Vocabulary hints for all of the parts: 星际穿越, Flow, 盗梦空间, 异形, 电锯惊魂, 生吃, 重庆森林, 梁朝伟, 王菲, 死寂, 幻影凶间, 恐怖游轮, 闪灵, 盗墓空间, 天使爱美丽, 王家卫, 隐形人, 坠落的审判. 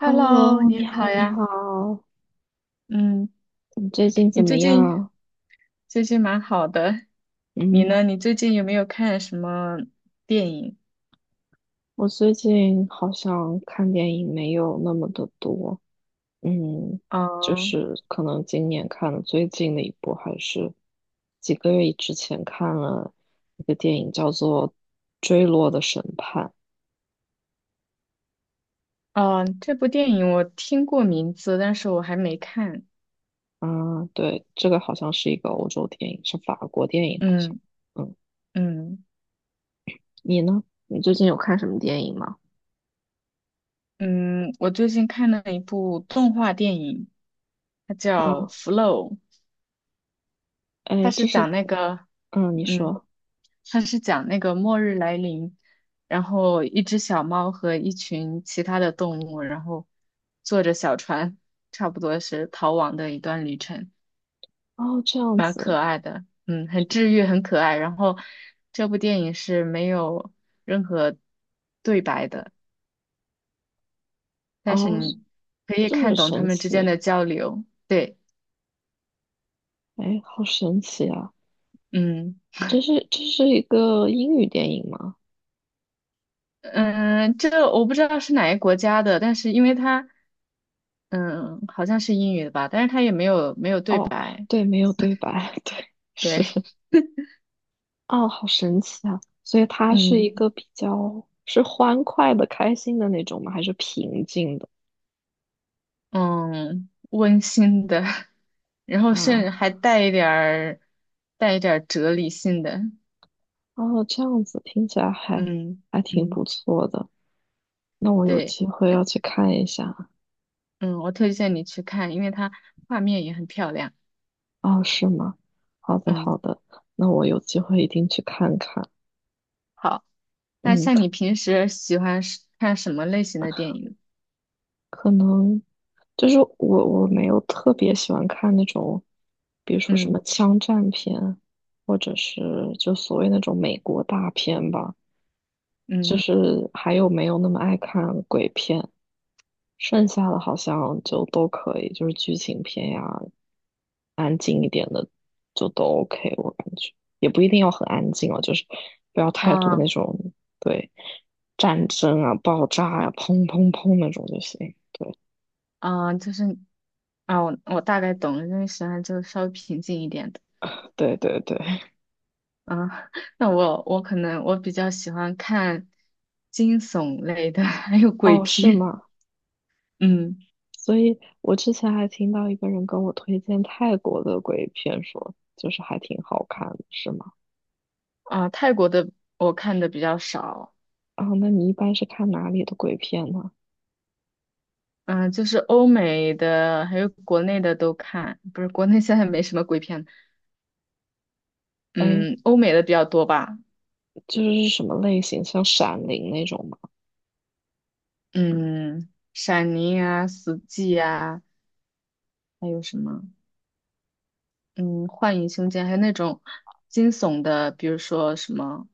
Hello，你你好，好你呀。好，嗯，你最近你怎么最近样？最近蛮好的。你嗯，呢？你最近有没有看什么电影？我最近好像看电影没有那么的多。嗯，嗯可能今年看的最近的一部，还是几个月之前看了一个电影，叫做《坠落的审判》。嗯，这部电影我听过名字，但是我还没看。啊，对，这个好像是一个欧洲电影，是法国电影，好像。嗯嗯，嗯你呢？你最近有看什么电影吗？嗯，我最近看了一部动画电影，它叫啊，《Flow》。哎，它是这是，讲那个，嗯，你嗯，说。它是讲那个末日来临，然后一只小猫和一群其他的动物，然后坐着小船，差不多是逃亡的一段旅程，哦，这样蛮子。可爱的，嗯，很治愈，很可爱。然后这部电影是没有任何对白的，但是哦，你可以这看么懂他神们之间奇，的交流，对，哎，好神奇啊！嗯。这是一个英语电影吗？嗯，这个我不知道是哪个国家的，但是因为它嗯，好像是英语的吧，但是它也没有对哦，白，对，没有对白，对，是。对，哦，好神奇啊！所以它是一嗯个比较是欢快的、开心的那种吗？还是平静的嗯，温馨的，然后甚至啊？还带一点儿哲理性的，哦，这样子听起来还嗯挺不嗯，错的。那我有对，机会要去看一下。嗯，我推荐你去看，因为它画面也很漂亮，哦，是吗？好的，好嗯，的，那我有机会一定去看看。好，那像嗯。你平时喜欢是看什么类型的电影？可能我没有特别喜欢看那种，比如说什嗯么枪战片，或者是就所谓那种美国大片吧，就嗯是还有没有那么爱看鬼片。剩下的好像就都可以，就是剧情片呀，安静一点的就都 OK。我感觉也不一定要很安静哦，就是不要太多啊那种对战争啊、爆炸呀、砰砰砰那种就行。啊，就是啊，我大概懂了，因为喜欢就稍微平静一点的。对对对。啊，那我可能比较喜欢看惊悚类的，还有鬼哦，是片。吗？嗯，所以我之前还听到一个人跟我推荐泰国的鬼片说，就是还挺好看的，是吗？啊，泰国的我看的比较少，啊，那你一般是看哪里的鬼片呢？嗯，就是欧美的还有国内的都看，不是国内现在没什么鬼片，哎，嗯，欧美的比较多吧，就是什么类型，像《闪灵》那种吗？嗯，闪灵啊，死寂啊，还有什么，嗯，幻影凶间，还有那种惊悚的，比如说什么。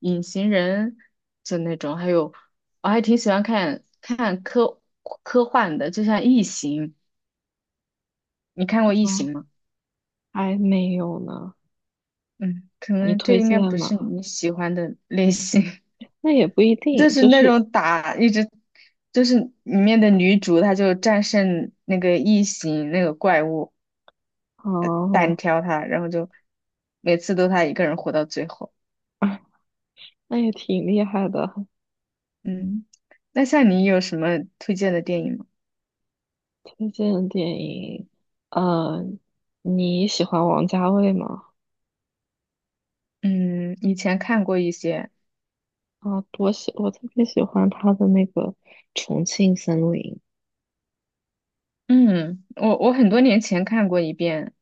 隐形人就那种，还有我还挺喜欢看看科幻的，就像《异形》，你看过《异啊，形》吗？还没有呢。嗯，可你能这推应该荐不是吗？你喜欢的类型，那也不一 定，就是就那是种打一直，就是里面的女主她就战胜那个异形那个怪物，单哦，挑她，然后就每次都她一个人活到最后。啊，那也挺厉害的。嗯，那像你有什么推荐的电影吗？推荐的电影，呃，你喜欢王家卫吗？嗯，以前看过一些。啊，我特别喜欢他的那个重庆森林。嗯，我很多年前看过一遍，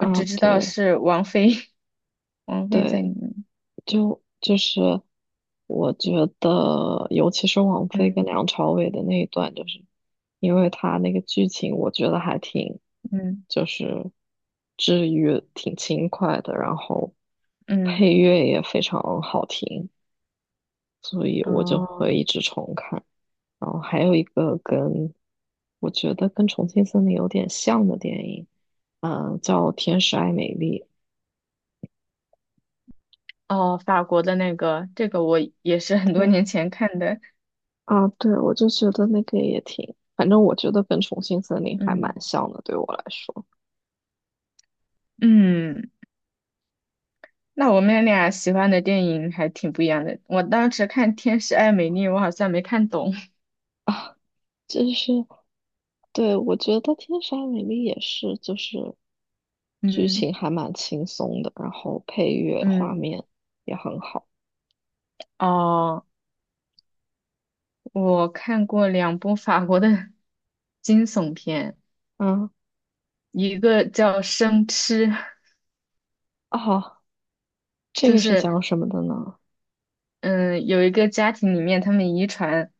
我只知道对是王菲，王菲在对，里面。就是我觉得，尤其是王菲跟嗯梁朝伟的那一段，就是因为他那个剧情，我觉得还挺嗯就是治愈、挺轻快的，然后嗯，配乐也非常好听，所以我就哦会一直重看。然后还有一个跟我觉得跟《重庆森林》有点像的电影，嗯、叫《天使爱美丽》。哦，法国的那个，这个我也是很多对年前看的。啊，对，我就觉得那个也挺，反正我觉得跟《重庆森林》还蛮嗯像的，对我来说，嗯，那我们俩喜欢的电影还挺不一样的。我当时看《天使爱美丽》，我好像没看懂。就是对我觉得《天使爱美丽》也是，就是 剧嗯情还蛮轻松的，然后配乐、画嗯，面也很好。哦，我看过两部法国的惊悚片。嗯，一个叫生吃，啊，这就个是是讲什么的呢？嗯，有一个家庭里面，他们遗传，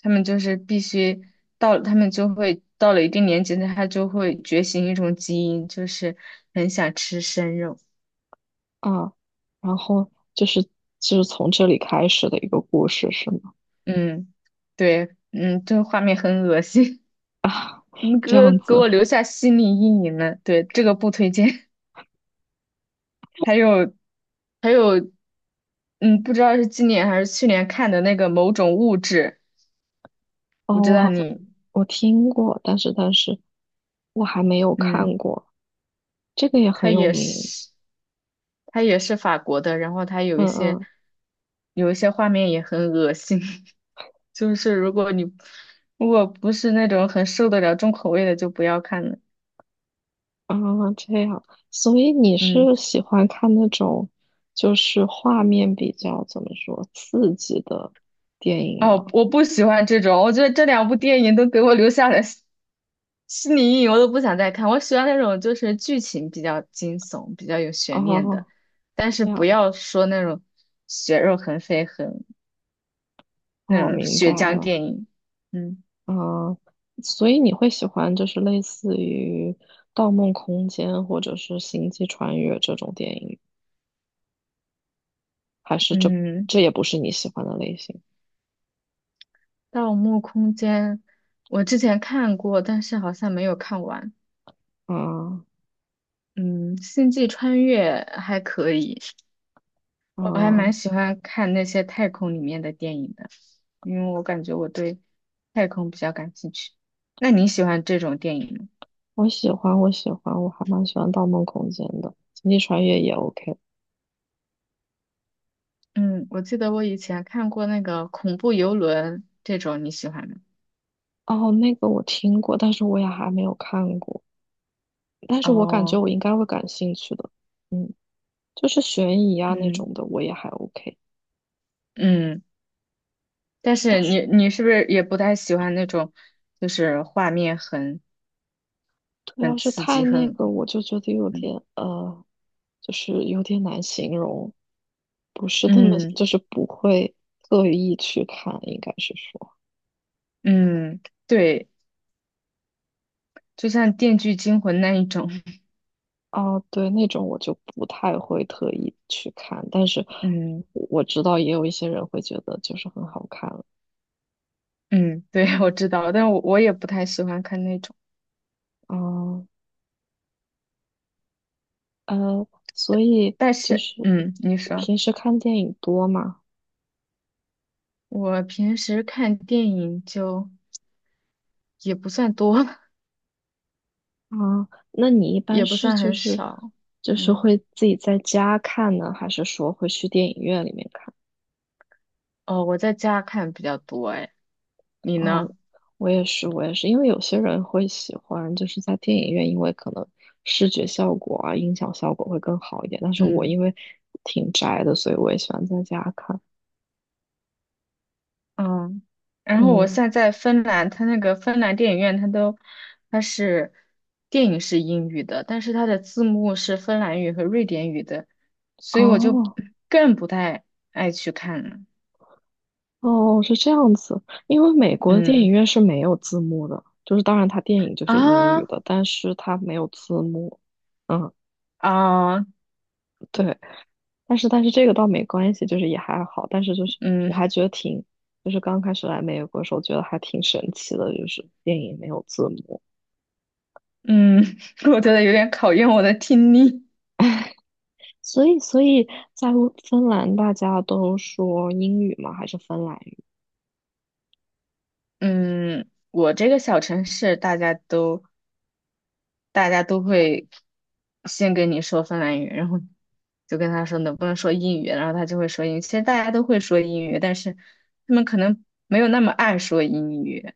他们就是必须他们就会到了一定年纪，他就会觉醒一种基因，就是很想吃生肉。啊，然后就是从这里开始的一个故事是吗？嗯，对，嗯，这个画面很恶心，嗯，给这我样给子。我留下心理阴影了。对，这个不推荐。还有，还有，嗯，不知道是今年还是去年看的那个某种物质，我哦，知我道好像你，我听过，但是我还没有嗯。看过，这个也他很有也名。是，他也是法国的，然后他有一嗯些嗯有一些画面也很恶心，就是如果不是那种很受得了重口味的，就不要看了。啊，这样，所以你嗯，是喜欢看那种就是画面比较怎么说刺激的电影吗？哦，我不喜欢这种，我觉得这两部电影都给我留下了心理阴影，我都不想再看。我喜欢那种就是剧情比较惊悚、比较有悬念的，哦，但是这不样，要说那种血肉横飞、那哦，种明白血浆了。电影。嗯嗯，所以你会喜欢就是类似于《盗梦空间》或者是《星际穿越》这种电影，还是嗯。这也不是你喜欢的类型？《盗墓空间》，我之前看过，但是好像没有看完。啊嗯，《星际穿越》还可以，我还蛮啊，喜欢看那些太空里面的电影的，因为我感觉我对太空比较感兴趣。那你喜欢这种电影吗？我喜欢，我喜欢，我还蛮喜欢《盗梦空间》的，《星际穿越》也 OK。嗯，我记得我以前看过那个恐怖游轮这种，你喜欢吗？哦，那个我听过，但是我也还没有看过，但是我感觉哦，我应该会感兴趣的。嗯，就是悬疑啊那嗯种的，我也还 OK。嗯，但但是是。你是不是也不太喜欢那种，就是画面很对，要很是刺太激，那个，我就觉得有嗯点就是有点难形容，不是那么，嗯就是不会特意去看，应该是说。嗯，对，就像《电锯惊魂》那一种，哦，对，那种我就不太会特意去看，但是嗯我知道也有一些人会觉得就是很好看啊。嗯，对，我知道，但我也不太喜欢看那种。嗯呃，所以但就是，是嗯，你你说，平时看电影多吗？我平时看电影就也不算多，啊，那你一 般也不是算很少，就是嗯，会自己在家看呢，还是说会去电影院里面看？哦，我在家看比较多，哎，你哦，呢？我也是，我也是，因为有些人会喜欢就是在电影院，因为可能视觉效果啊、音响效果会更好一点。但是我因嗯。为挺宅的，所以我也喜欢在家看。嗯，然后我嗯，现在在芬兰，它那个芬兰电影院，它是电影是英语的，但是它的字幕是芬兰语和瑞典语的，所以我就哦更不太爱去看了。哦，是这样子，因为美国的电影嗯院是没有字幕的，就是当然它电影就是英语啊的，但是它没有字幕。嗯，啊对。但是这个倒没关系，就是也还好。但是我还嗯觉得挺，就是刚开始来美国的时候，觉得还挺神奇的，就是电影没有字幕。嗯，我觉得有点考验我的听力。所以在乌芬兰大家都说英语吗？还是芬兰语？嗯，我这个小城市大家都会先跟你说芬兰语，然后就跟他说能不能说英语，然后他就会说英语。其实大家都会说英语，但是他们可能没有那么爱说英语。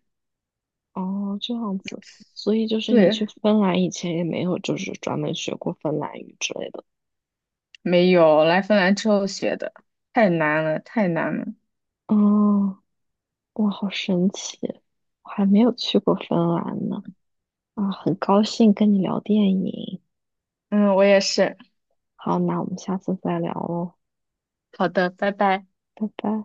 哦，这样子。所以就是你去对，芬兰以前也没有就是专门学过芬兰语之类的。没有，来芬兰之后学的，太难了，太难了。哦，哇，好神奇！我还没有去过芬兰呢。啊，很高兴跟你聊电影。嗯，我也是。好，那我们下次再聊喽，好的，拜拜。拜拜。